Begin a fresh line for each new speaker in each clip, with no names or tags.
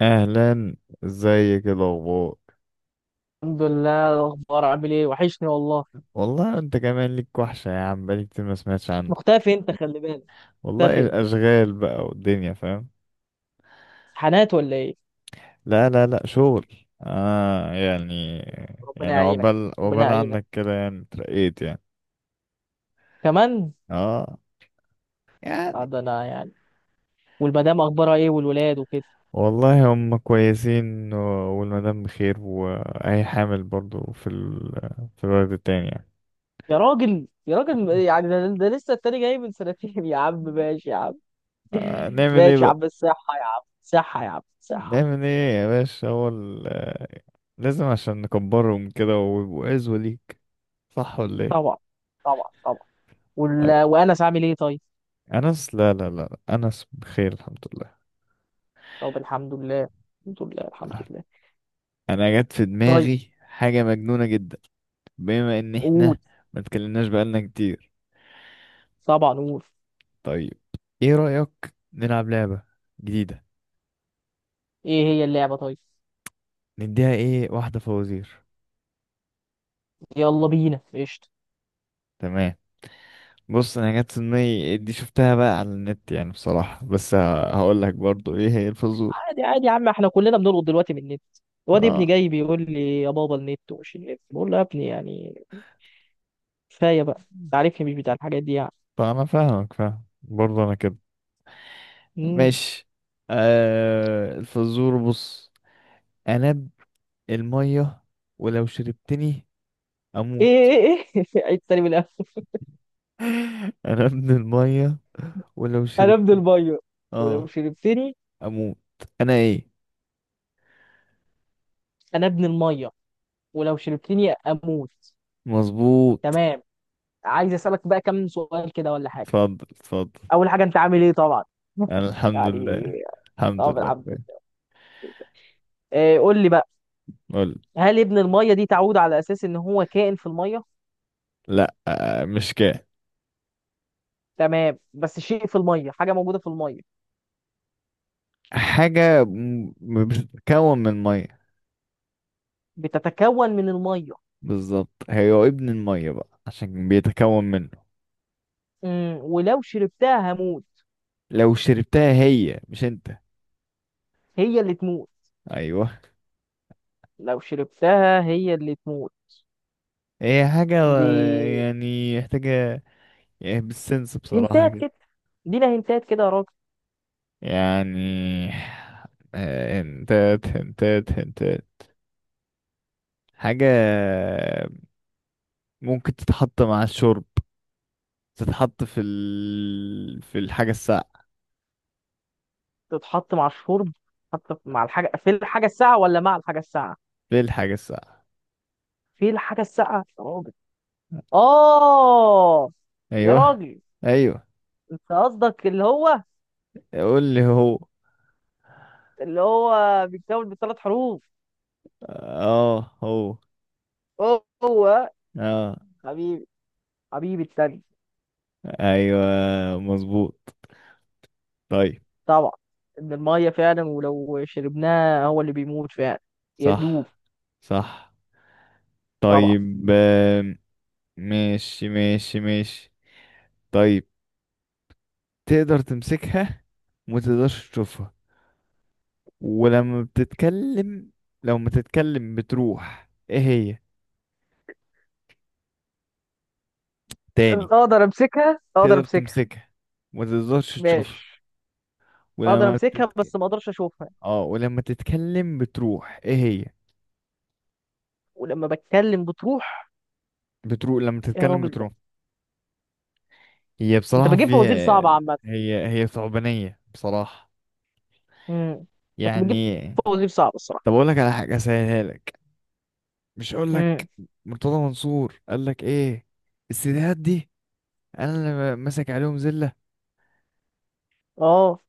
اهلا، ازيك؟ إيه الاخبار؟
الحمد لله، الاخبار عامل ايه؟ وحشني والله.
والله انت كمان ليك وحشه يا عم، بقالي كتير ما سمعتش عنك.
مختفي انت، خلي بالك.
والله
مختفي انت.
الاشغال بقى والدنيا، فاهم.
امتحانات ولا ايه؟
لا لا لا، شغل. اه، يعني.
ربنا
يعني
يعينك.
عقبال
ربنا
عقبال
يعينك
عنك كده، يعني اترقيت يعني.
كمان.
اه،
آه،
يعني.
ده انا يعني. والمدام اخبارها ايه والولاد وكده؟
والله هم كويسين، والمدام بخير، وهي حامل برضو في الولد التاني يعني.
يا راجل، يا راجل، يعني ده لسه التاني جاي من سنتين. يا عم ماشي يا عم.
آه، نعمل
ماشي يا عم،
ايه.
الصحة يا عم، صحة يا عم صحة.
نعمل ايه يا باشا، هو لازم عشان نكبرهم كده ويبقوا عزوة ليك. صح ولا ايه؟
طبعا. طبعا طبعا.
طيب،
وانس عامل ايه؟ طيب.
انس، لا لا لا. لا. انس بخير الحمد لله.
طب الحمد لله. الحمد لله، الحمد لله.
انا جت في
طيب.
دماغي حاجة مجنونة جدا. بما ان
قول.
احنا ما اتكلمناش بقالنا كتير.
طبعا قول.
طيب، ايه رأيك نلعب لعبة جديدة؟
ايه هي اللعبة طيب؟
نديها ايه، واحدة فوازير.
يلا بينا قشطة.
تمام. بص، انا جت في دماغي دي شفتها بقى على النت يعني بصراحة، بس هقول لك برضو ايه هي الفزور.
عادي عادي يا عم، احنا كلنا بنلقط دلوقتي من النت. الواد ابني
اه.
جاي بيقول لي يا بابا النت ومش النت، بقول له يا ابني، يعني كفاية بقى. انت عارفني مش بتاع الحاجات دي يعني.
فأنا فاهمك فاهم برضه أنا كده.
مم.
ماشي. آه، الفزور بص. أنا ابن المية، ولو شربتني
ايه
أموت.
ايه ايه. عيد تاني من الأول.
أنا ابن المية ولو
انا
شربت،
ابن المية ولو
آه
شربتني.
أموت. أنا إيه؟
انا ابن المية ولو شربتني اموت.
مظبوط.
تمام. عايز اسألك بقى كم سؤال كده ولا حاجة.
اتفضل، اتفضل.
اول حاجة، انت عامل ايه طبعا؟
أنا الحمد
يعني.
لله. الحمد
طبعا
لله،
الحمد
فاهم.
لله. إيه، قول لي بقى.
قول.
هل ابن المية دي تعود على اساس ان هو كائن في المية؟
لأ، آه، مش كده.
تمام، بس شيء في الميه، حاجه موجوده في الميه.
حاجة بتتكون من مية.
بتتكون من الميه.
بالظبط، هي ابن المية بقى عشان بيتكون منه.
ولو شربتها هموت.
لو شربتها هي مش انت.
هي اللي تموت.
ايوه.
لو شربتها هي اللي تموت.
هي حاجة.
دي
يعني محتاجة. يعني بالسنس بصراحة
هنتات
كده.
كده. دينا هنتات كده يا راجل.
يعني، آه، هنتات هنتات هنتات. حاجة ممكن تتحط مع الشرب. في الحاجة الساقعة.
تتحط مع الشرب. تتحط مع الحاجه، في الحاجه الساقعه ولا مع الحاجه الساقعه؟
في الحاجة الساقعة.
في الحاجه الساقعه يا راجل. اه. يا
ايوه،
راجل.
ايوه.
انت قصدك اللي هو
قول لي هو.
اللي هو بيتكون من ثلاث حروف.
اه، هو.
هو.
اه.
حبيبي. حبيبي التاني.
ايوه، مظبوط. طيب.
طبعا. ان الميه فعلا ولو شربناها هو اللي بيموت فعلا. يدوب.
صح، صح.
طبعا.
طيب. ماشي، ماشي، ماشي. طيب. تقدر تمسكها وما تقدرش تشوفها، ولما بتتكلم لو ما تتكلم بتروح ايه هي تاني؟
اقدر امسكها اقدر
تقدر
امسكها.
تمسكها وما تقدرش تشوفها،
ماشي. اقدر
ولما
امسكها
بتتك...
بس ما اقدرش اشوفها.
اه ولما تتكلم بتروح ايه هي؟
ولما بتكلم بتروح.
بتروح، لما
يا
تتكلم
راجل ده،
بتروح. هي
انت
بصراحة
بتجيب فوازير
فيها.
صعبه عامه.
هي ثعبانية بصراحة.
امم. انت بتجيب
يعني.
فوازير صعبه الصراحه.
طب اقول لك على حاجة اسهلها لك. مش، اقول لك.
امم.
مرتضى منصور قال لك ايه؟ السيديهات دي انا اللي ماسك عليهم زلة.
اه.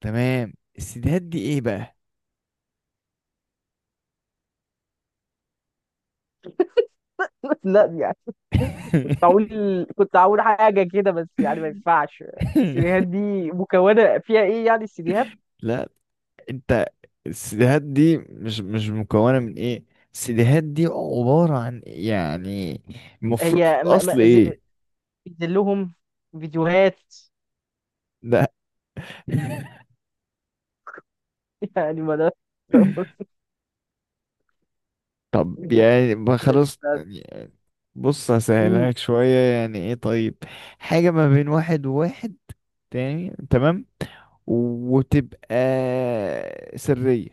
تمام، السيديهات دي ايه بقى؟
لا يعني. كنت هقول. كنت هقول حاجه كده، بس يعني ما ينفعش. السيديهات دي مكونه فيها ايه يعني السيديهات؟
لا، انت، السيديهات دي مش مكونة من ايه. السيديهات دي عبارة عن يعني، المفروض في
هي م... م...
الاصل
ز-
ايه؟
بينزل لهم فيديوهات.
لا.
يعني ما ده.
طب يعني ما خلاص يعني. بص هسهلها
أمم،
لك شوية، يعني ايه طيب. حاجة ما بين واحد وواحد تاني، تمام، وتبقى سرية.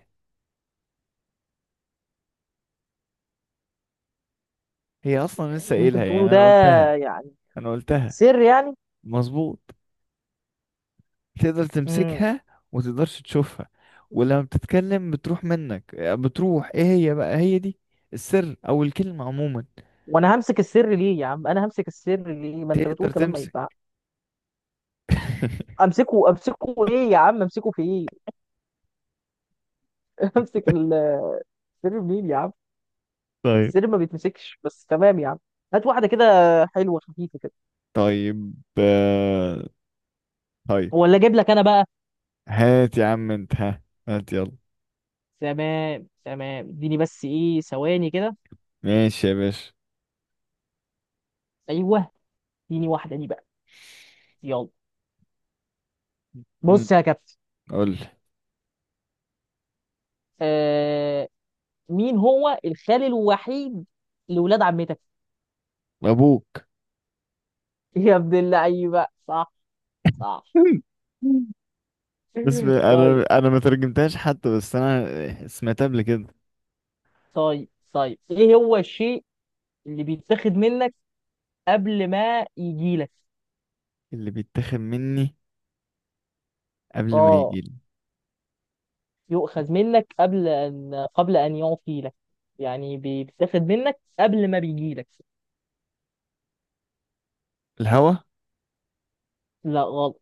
هي اصلا لسه
اللي انت
قايلها
بتقوله
يعني
ده
انا قلتها.
يعني
انا قلتها.
سر يعني.
مظبوط. تقدر
امم.
تمسكها وتقدرش تشوفها، ولما بتتكلم بتروح منك، بتروح ايه هي بقى هي دي؟ السر او الكلمة عموما.
وانا همسك السر ليه يا عم؟ انا همسك السر ليه؟ ما انت بتقول
تقدر
كلام ما
تمسك.
ينفع. امسكه امسكه ايه يا عم؟ امسكه في ايه؟ امسك السر منين يا عم؟
طيب،
السر ما بيتمسكش، بس تمام يا عم. هات واحده كده، حلوه خفيفه كده.
طيب، آه، طيب.
ولا اجيب لك انا بقى؟
هات يا عم انت، ها، هات يلا.
تمام تمام، اديني بس ايه ثواني كده.
ماشي يا باشا.
ايوه. اديني واحده دي بقى. يلا.
مم.
بص يا كابتن.
قول لي.
آه... مين هو الخال الوحيد لولاد عمتك؟
ابوك.
يا ابن اللعيبه. صح. صح.
بس
طيب.
انا ما ترجمتهاش حتى، بس انا سمعتها قبل كده.
طيب طيب، ايه هو الشيء اللي بيتاخد منك قبل ما يجي لك؟
اللي بيتاخد مني قبل ما
اه.
يجيلي؟
يؤخذ منك قبل ان يعطي لك. يعني بيتاخد منك قبل ما بيجي لك.
الهوا.
لا غلط.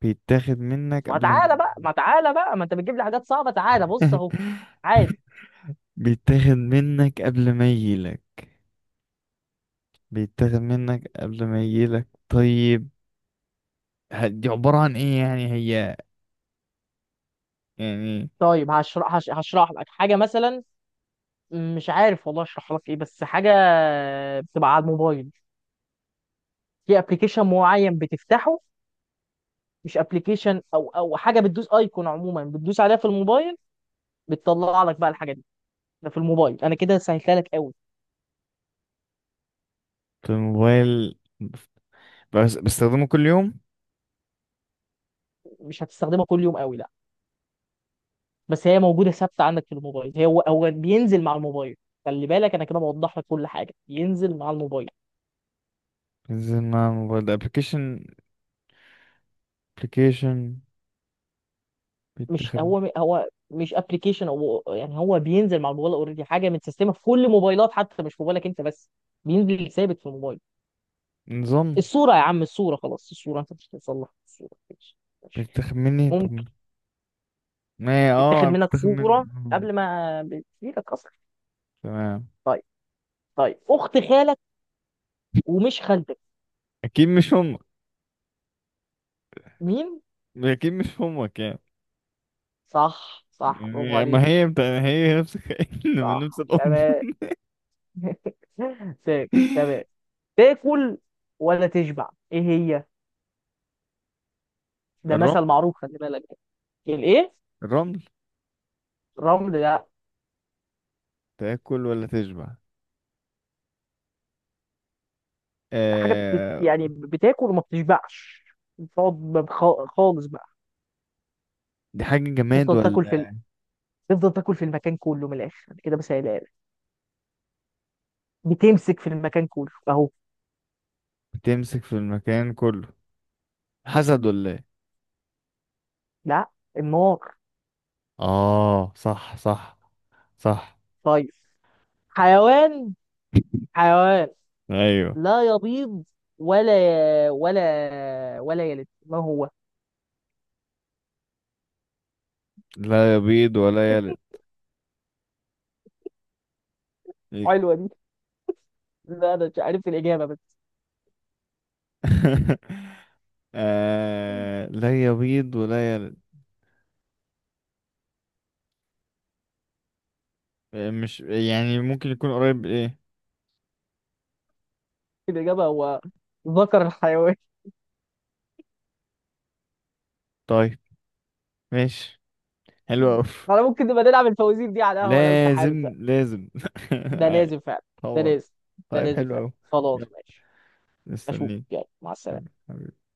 بيتاخد منك
ما
قبل ما.
تعالى بقى ما تعالى بقى ما انت بتجيب لي حاجات صعبه، تعالى بص اهو. عادي.
بيتاخد منك قبل ما يجيلك. بيتاخد منك قبل ما يجيلك، طيب. دي عبارة عن ايه يعني هي؟ يعني.
طيب هشرح لك حاجه مثلا. مش عارف والله اشرح لك ايه، بس حاجه بتبقى على الموبايل. في ابلكيشن معين بتفتحه. مش ابلكيشن، او حاجه بتدوس ايكون عموما، بتدوس عليها في الموبايل. بتطلع لك بقى الحاجه دي. ده في الموبايل، انا كده سهلتها لك قوي.
في الموبايل، بس بستخدمه كل يوم.
مش هتستخدمها كل يوم قوي، لا. بس هي موجوده ثابته عندك في الموبايل. هي هو بينزل مع الموبايل. خلي بالك، انا كده بوضح لك كل حاجه، ينزل مع الموبايل.
بنزل مع الموبايل، ده ابلكيشن؟ ابلكيشن،
مش
بيتاخد،
هو مش ابلكيشن، او يعني هو بينزل مع الموبايل اوريدي، حاجه متسيستمه في كل موبايلات حتى، مش في موبايلك انت بس. بينزل ثابت في الموبايل.
نظام.
الصورة يا عم، الصورة خلاص، الصورة انت مش هتصلح الصورة ماشي. ماشي.
بيتاخد مني
ممكن.
طب. ما
بتاخد منك
بيتاخد
صورة
مني،
قبل ما بتجيلك اصلا.
تمام.
طيب. طيب، اخت خالك ومش خالتك؟
اكيد مش امك.
مين؟
اكيد مش امك.
صح صح، برافو
يعني ما
عليك.
هي هي نفس الكائن من نفس
صح
الأم.
تمام. تمام. تاكل ولا تشبع، ايه هي؟ ده
الرمل.
مثل معروف، خلي بالك. الايه؟
الرمل.
الرمل ده،
تاكل ولا تشبع؟
حاجة يعني
آه...
بتاكل وما بتشبعش. بتقعد خالص بقى.
دي حاجة جماد
تفضل تاكل في...
ولا؟
تفضل تاكل في المكان كله، من الاخر أنا كده بسهلها لك. بتمسك في المكان كله اهو.
بتمسك في المكان كله. حسد ولا ايه؟
لا. النار.
اه، صح صح. صح.
طيب. حيوان. حيوان.
ايوه.
لا يبيض ولا ولا يلد، ما هو؟
لا يبيض ولا يلد. إيه.
حلوه دي. لا انا مش عارف الاجابه، بس
لا يبيض ولا يلد. آه، مش يعني ممكن يكون قريب ايه؟
الاجابه هو ذكر الحيوان.
طيب. ماشي. حلو أوي.
انا ممكن نبقى نلعب الفوازير دي على القهوه لو انت حابب
لازم،
بقى.
لازم.
ده لازم فعلا. ده
طبعا.
لازم. ده
طيب،
لازم
حلو
فعلا.
أوي.
خلاص
يلا.
ماشي. اشوف،
مستنيك.
يلا مع
حبيبي،
السلامه.
حبيبي.